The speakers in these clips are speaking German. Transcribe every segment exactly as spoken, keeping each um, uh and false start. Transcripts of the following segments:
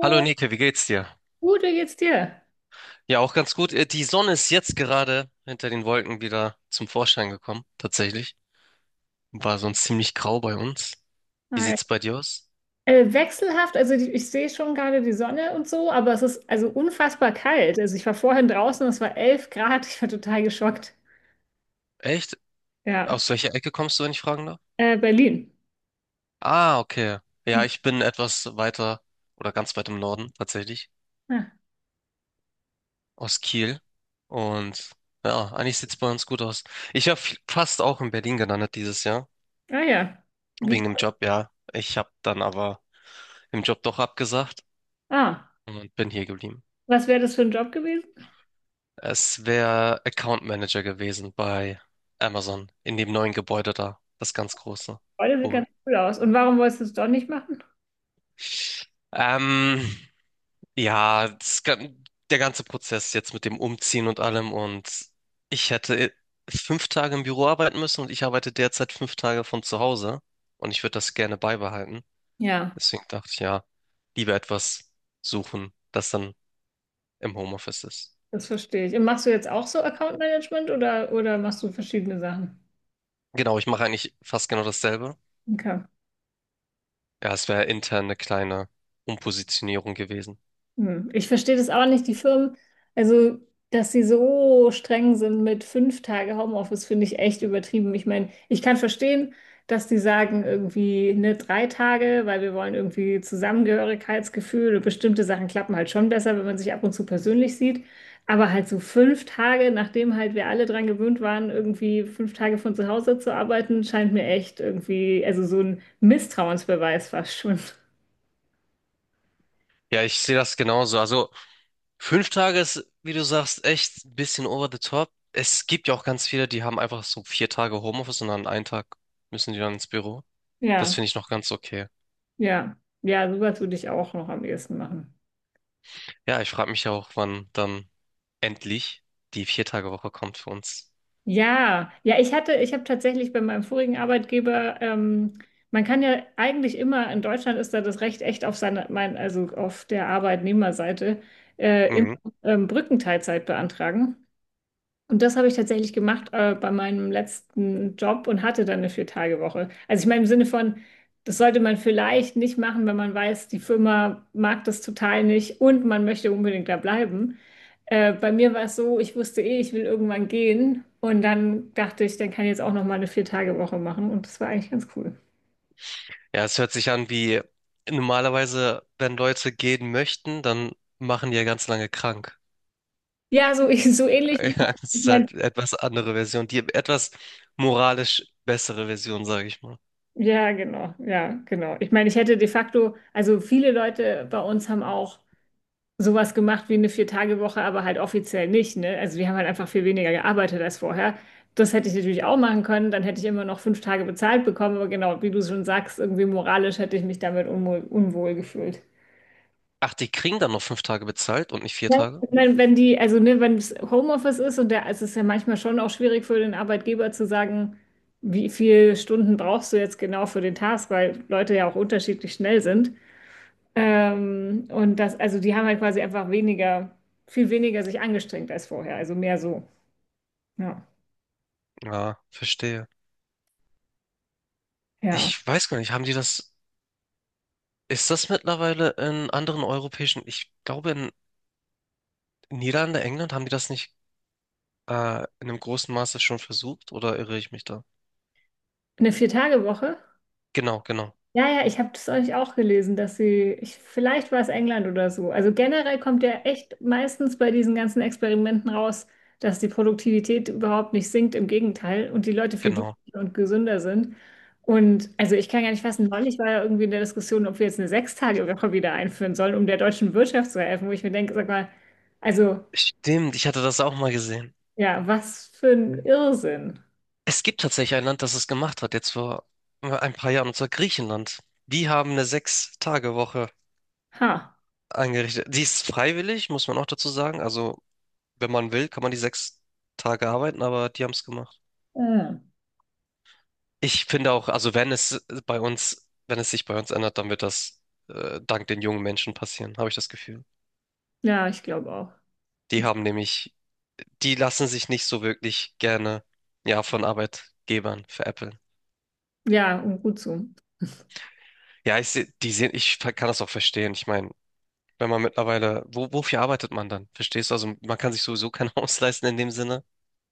Hallo Nike, wie geht's dir? gut, wie geht's dir? Ja, auch ganz gut. Äh, Die Sonne ist jetzt gerade hinter den Wolken wieder zum Vorschein gekommen, tatsächlich. War sonst ziemlich grau bei uns. Wie Hi. sieht's bei dir aus? Äh, wechselhaft, also die, ich sehe schon gerade die Sonne und so, aber es ist also unfassbar kalt. Also ich war vorhin draußen, es war elf Grad, ich war total geschockt. Echt? Ja, Aus welcher Ecke kommst du, wenn ich fragen darf? äh, Berlin. Ah, okay. Ja, ich bin etwas weiter oder ganz weit im Norden tatsächlich, Ah, aus Kiel. Und ja, eigentlich sieht's bei uns gut aus. Ich habe fast auch in Berlin gelandet dieses Jahr, ah ja, wie, wegen dem Job, ja. Ich habe dann aber im Job doch abgesagt ah, und bin hier geblieben. was wäre das für ein Job gewesen? Es wäre Account Manager gewesen bei Amazon in dem neuen Gebäude da, das ganz große. Oh, das sieht Wo- ganz cool aus. Und warum wolltest du es doch nicht machen? Ähm, ja, das, gan- der ganze Prozess jetzt mit dem Umziehen und allem und ich hätte fünf Tage im Büro arbeiten müssen und ich arbeite derzeit fünf Tage von zu Hause und ich würde das gerne beibehalten. Ja, Deswegen dachte ich, ja, lieber etwas suchen, das dann im Homeoffice ist. das verstehe ich. Und machst du jetzt auch so Account Management oder, oder machst du verschiedene Sachen? Genau, ich mache eigentlich fast genau dasselbe. Okay. Ja, es wäre intern eine kleine Umpositionierung gewesen. Hm, ich verstehe das auch nicht, die Firmen, also dass sie so streng sind mit fünf Tage Homeoffice, finde ich echt übertrieben. Ich meine, ich kann verstehen, dass die sagen irgendwie ne, drei Tage, weil wir wollen irgendwie Zusammengehörigkeitsgefühl und bestimmte Sachen klappen halt schon besser, wenn man sich ab und zu persönlich sieht. Aber halt so fünf Tage, nachdem halt wir alle dran gewöhnt waren, irgendwie fünf Tage von zu Hause zu arbeiten, scheint mir echt irgendwie, also so ein Misstrauensbeweis fast schon. Ja, ich sehe das genauso. Also fünf Tage ist, wie du sagst, echt ein bisschen over the top. Es gibt ja auch ganz viele, die haben einfach so vier Tage Homeoffice und an einem Tag müssen die dann ins Büro. Das Ja. finde ich noch ganz okay. Ja, ja, sowas würde ich auch noch am ehesten machen. Ja, ich frage mich ja auch, wann dann endlich die Vier-Tage-Woche kommt für uns. Ja, ja, ich hatte, ich habe tatsächlich bei meinem vorigen Arbeitgeber, ähm, man kann ja eigentlich immer — in Deutschland ist da das Recht echt auf seine, mein, also auf der Arbeitnehmerseite — äh, immer Mhm. ähm, Brückenteilzeit beantragen. Und das habe ich tatsächlich gemacht, äh, bei meinem letzten Job, und hatte dann eine Vier-Tage-Woche. Also ich meine im Sinne von, das sollte man vielleicht nicht machen, wenn man weiß, die Firma mag das total nicht und man möchte unbedingt da bleiben. Äh, bei mir war es so, ich wusste eh, ich will irgendwann gehen, und dann dachte ich, dann kann ich jetzt auch noch mal eine Vier-Tage-Woche machen, und das war eigentlich ganz cool. Ja, es hört sich an wie normalerweise, wenn Leute gehen möchten, dann machen die ja ganz lange krank. Ja, so, so ähnlich. Ich Ja, es ist mein, halt etwas andere Version, die etwas moralisch bessere Version, sage ich mal. ja, genau, ja, genau. Ich meine, ich hätte de facto, also viele Leute bei uns haben auch sowas gemacht wie eine Vier-Tage-Woche, aber halt offiziell nicht, ne? Also wir haben halt einfach viel weniger gearbeitet als vorher. Das hätte ich natürlich auch machen können, dann hätte ich immer noch fünf Tage bezahlt bekommen, aber genau, wie du schon sagst, irgendwie moralisch hätte ich mich damit unwohl, unwohl gefühlt. Ach, die kriegen dann noch fünf Tage bezahlt und nicht vier Ja. Tage? Ich meine, wenn die, also ne, wenn es Homeoffice ist und der, es ist ja manchmal schon auch schwierig für den Arbeitgeber zu sagen, wie viele Stunden brauchst du jetzt genau für den Task, weil Leute ja auch unterschiedlich schnell sind. Ähm, und das, also die haben halt quasi einfach weniger, viel weniger sich angestrengt als vorher, also mehr so. Ja. Ja, verstehe. Ja. Ich weiß gar nicht, haben die das, ist das mittlerweile in anderen europäischen, ich glaube in Niederlande, England haben die das nicht äh, in einem großen Maße schon versucht oder irre ich mich da? Eine Vier-Tage-Woche? Genau, genau, Ja, ja, ich habe das euch auch gelesen, dass sie, ich, vielleicht war es England oder so. Also generell kommt ja echt meistens bei diesen ganzen Experimenten raus, dass die Produktivität überhaupt nicht sinkt, im Gegenteil, und die Leute viel genau. glücklicher und gesünder sind. Und also ich kann gar nicht fassen, neulich war ja irgendwie in der Diskussion, ob wir jetzt eine Sechstagewoche wieder einführen sollen, um der deutschen Wirtschaft zu helfen, wo ich mir denke, sag mal, also, Stimmt, ich hatte das auch mal gesehen. ja, was für ein Irrsinn. Es gibt tatsächlich ein Land, das es gemacht hat, jetzt vor äh, ein paar Jahren, und zwar Griechenland. Die haben eine Sechs-Tage-Woche Ha. eingerichtet. Die ist freiwillig, muss man auch dazu sagen. Also, wenn man will, kann man die sechs Tage arbeiten, aber die haben es gemacht. Ja. Ich finde auch, also wenn es bei uns, wenn es sich bei uns ändert, dann wird das äh, dank den jungen Menschen passieren, habe ich das Gefühl. Ja, ich glaube auch. Die haben nämlich, die lassen sich nicht so wirklich gerne, ja, von Arbeitgebern veräppeln. Ja, und gut so. Ja, ich seh, die sehen, ich ver- kann das auch verstehen. Ich meine, wenn man mittlerweile, wo, wofür arbeitet man dann? Verstehst du? Also man kann sich sowieso kein Haus leisten in dem Sinne,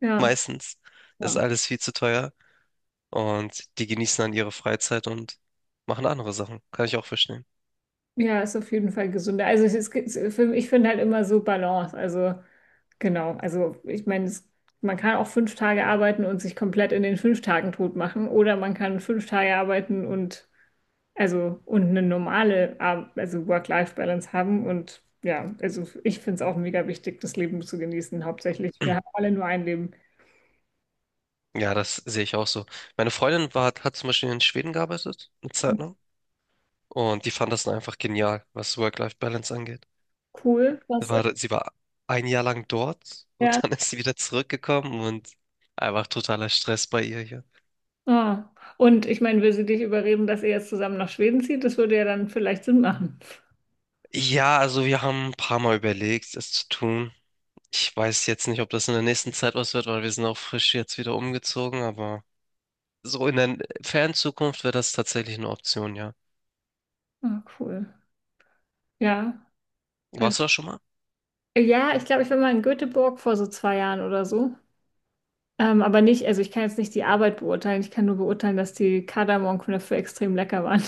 Ja. meistens. Das ist Ja, alles viel zu teuer. Und die genießen dann ihre Freizeit und machen andere Sachen. Kann ich auch verstehen. ja, ist auf jeden Fall gesünder. Also es ist, es- für- ich finde halt immer so Balance. Also genau. Also ich meine, es- man kann auch fünf Tage arbeiten und sich komplett in den fünf Tagen tot machen. Oder man kann fünf Tage arbeiten und also und eine normale Ar- also Work-Life-Balance haben. Und ja, also ich finde es auch mega wichtig, das Leben zu genießen, hauptsächlich. Wir haben alle nur ein Leben. Ja, das sehe ich auch so. Meine Freundin war, hat zum Beispiel in Schweden gearbeitet, eine Zeit lang. Und die fand das dann einfach genial, was Work-Life-Balance angeht. Cool. Was? War, sie war ein Jahr lang dort Ja. und dann ist sie wieder zurückgekommen und einfach totaler Stress bei ihr hier. Ah. Und ich meine, will sie dich überreden, dass ihr jetzt zusammen nach Schweden zieht? Das würde ja dann vielleicht Sinn machen. Ja, also wir haben ein paar Mal überlegt, es zu tun. Ich weiß jetzt nicht, ob das in der nächsten Zeit was wird, weil wir sind auch frisch jetzt wieder umgezogen, aber. So in der fernen Zukunft wäre das tatsächlich eine Option, ja. Ah, cool. Ja. Also, Warst du da schon mal? ja, ich glaube, ich war mal in Göteborg vor so zwei Jahren oder so. Ähm, aber nicht, also ich kann jetzt nicht die Arbeit beurteilen. Ich kann nur beurteilen, dass die Kardamomknödel extrem lecker waren.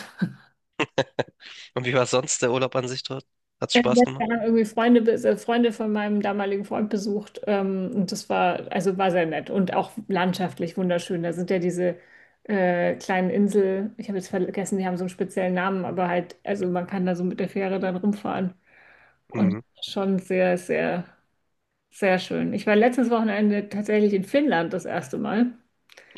Und wie war sonst der Urlaub an sich dort? Hat's Äh, ja, Spaß gemacht? wir haben irgendwie Freunde, bes- äh, Freunde von meinem damaligen Freund besucht. Ähm, und das war, also war sehr nett und auch landschaftlich wunderschön. Da sind ja diese äh, kleinen Insel, ich habe jetzt vergessen, die haben so einen speziellen Namen, aber halt, also man kann da so mit der Fähre dann rumfahren. Und Mhm. schon sehr, sehr, sehr schön. Ich war letztes Wochenende tatsächlich in Finnland das erste Mal.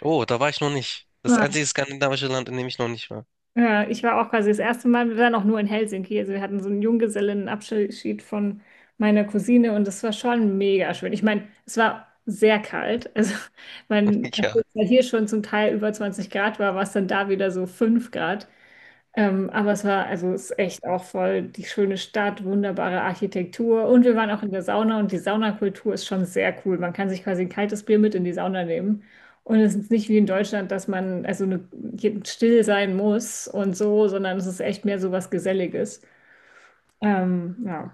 Oh, da war ich noch nicht. Das einzige skandinavische Land, in dem ich noch nicht war. Ja, ich war auch quasi das erste Mal, wir waren auch nur in Helsinki. Also wir hatten so einen Junggesellinnenabschied von meiner Cousine, und das war schon mega schön. Ich meine, es war sehr kalt. Also man, Ja. nachdem es ja hier schon zum Teil über zwanzig Grad war, war es dann da wieder so fünf Grad. Ähm, aber es war, also es ist echt auch voll die schöne Stadt, wunderbare Architektur. Und wir waren auch in der Sauna, und die Saunakultur ist schon sehr cool. Man kann sich quasi ein kaltes Bier mit in die Sauna nehmen. Und es ist nicht wie in Deutschland, dass man also ne- still sein muss und so, sondern es ist echt mehr so was Geselliges. Ähm, ja.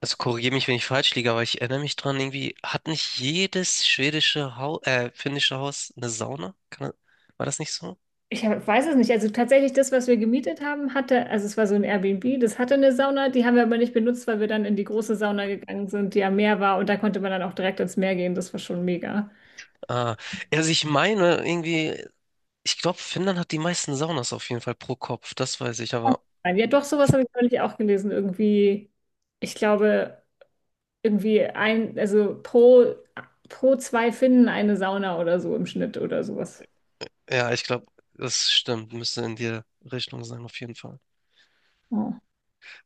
Also korrigiere mich, wenn ich falsch liege, aber ich erinnere mich dran, irgendwie hat nicht jedes schwedische Haus, äh, finnische Haus eine Sauna? Kann, das- war das nicht so? Ich hab- weiß es nicht. Also tatsächlich, das, was wir gemietet haben, hatte, also es war so ein Airbnb, das hatte eine Sauna, die haben wir aber nicht benutzt, weil wir dann in die große Sauna gegangen sind, die am Meer war, und da konnte man dann auch direkt ins Meer gehen. Das war schon mega. Ah, also ich meine irgendwie, ich glaube, Finnland hat die meisten Saunas auf jeden Fall pro Kopf, das weiß ich, aber Nein, ja, doch, sowas habe ich neulich auch gelesen. Irgendwie, ich glaube, irgendwie ein, also pro, pro zwei Finnen eine Sauna oder so im Schnitt oder sowas. ja, ich glaube, das stimmt. Müsste in die Richtung sein, auf jeden Fall. Ja.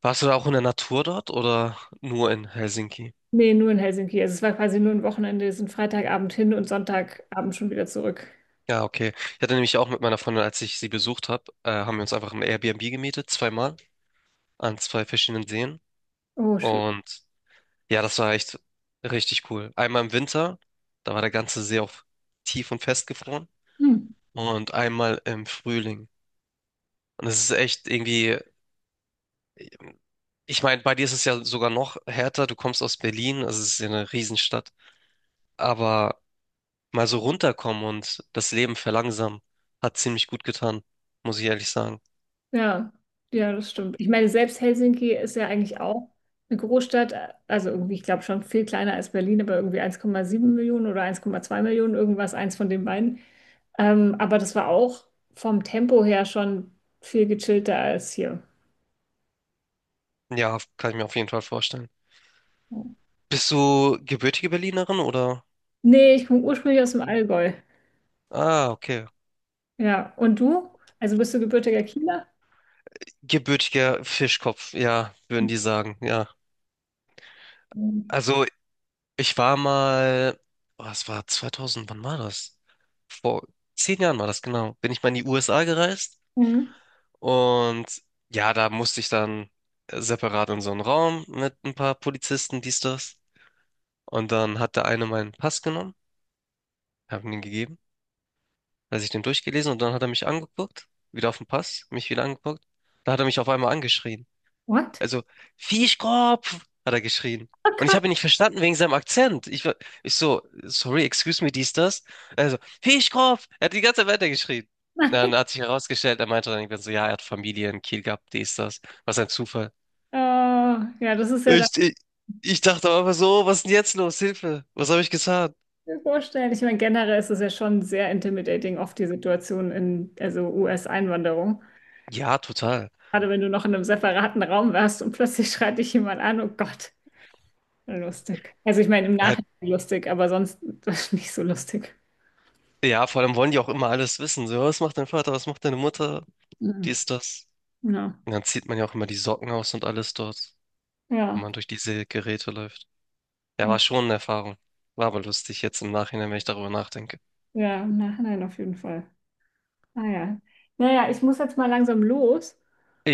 Warst du da auch in der Natur dort oder nur in Helsinki? Nee, nur in Helsinki. Also es war quasi nur ein Wochenende. Wir sind Freitagabend hin und Sonntagabend schon wieder zurück. Ja, okay. Ich hatte nämlich auch mit meiner Freundin, als ich sie besucht habe, äh, haben wir uns einfach ein Airbnb gemietet, zweimal, an zwei verschiedenen Seen. Oh, schön. Und ja, das war echt richtig cool. Einmal im Winter, da war der ganze See auf tief und festgefroren. Hm. Und einmal im Frühling. Und es ist echt irgendwie, ich meine, bei dir ist es ja sogar noch härter. Du kommst aus Berlin, also es ist ja eine Riesenstadt. Aber mal so runterkommen und das Leben verlangsamen. Hat ziemlich gut getan, muss ich ehrlich sagen. Ja, ja, das stimmt. Ich meine, selbst Helsinki ist ja eigentlich auch eine Großstadt, also irgendwie, ich glaube schon viel kleiner als Berlin, aber irgendwie eins Komma sieben Millionen oder eins Komma zwei Millionen, irgendwas, eins von den beiden. Ähm, aber das war auch vom Tempo her schon viel gechillter als hier. Ja, kann ich mir auf jeden Fall vorstellen. Bist du gebürtige Berlinerin oder? Nee, ich komme ursprünglich aus dem Allgäu. Ah, okay. Ja, und du? Also bist du gebürtiger Kieler? Gebürtiger Fischkopf, ja, würden die sagen, ja. Mhm. Also, ich war mal, was war zweitausend, wann war das? Vor zehn Jahren war das, genau. Bin ich mal in die U S A gereist Mhm. und ja, da musste ich dann separat in so einen Raum mit ein paar Polizisten, dies, das. Und dann hat der eine meinen Pass genommen, hab ihm den gegeben, hat sich den durchgelesen und dann hat er mich angeguckt, wieder auf den Pass, mich wieder angeguckt. Da hat er mich auf einmal angeschrien. What? Also, Fischkopf, hat er geschrien. Oh Und ich Gott, habe ihn nicht verstanden wegen seinem Akzent. Ich war, ich so, sorry, excuse me, dies, das. Also, Fischkopf, er hat die ganze Zeit weitergeschrien. nein. Dann hat sich herausgestellt, er meinte dann irgendwann so, ja, er hat Familie in Kiel gehabt, dies, das. Was ein Zufall. Oh, ja, das ist ja Ich, ich, ich dachte aber so, was ist denn jetzt los? Hilfe, was habe ich getan? mir vorstellen. Ich meine, generell ist es ja schon sehr intimidating, oft die Situation in, also, U S-Einwanderung. Ja, total. Gerade wenn du noch in einem separaten Raum warst und plötzlich schreit dich jemand an, oh Gott, lustig. Also ich meine, im Nachhinein lustig, aber sonst nicht so lustig. Ja, vor allem wollen die auch immer alles wissen. So, was macht dein Vater, was macht deine Mutter? Mhm. Dies, das. Ja. Und dann zieht man ja auch immer die Socken aus und alles dort, wenn man Ja. durch diese Geräte läuft. Ja, Ja, war schon eine Erfahrung. War aber lustig jetzt im Nachhinein, wenn ich darüber nachdenke. ja, im Nachhinein auf jeden Fall. Ah ja. Naja, ich muss jetzt mal langsam los,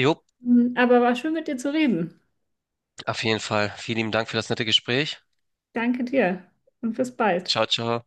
Jo, mhm, aber war schön mit dir zu reden. auf jeden Fall. Vielen lieben Dank für das nette Gespräch. Danke dir und bis bald. Ciao, ciao.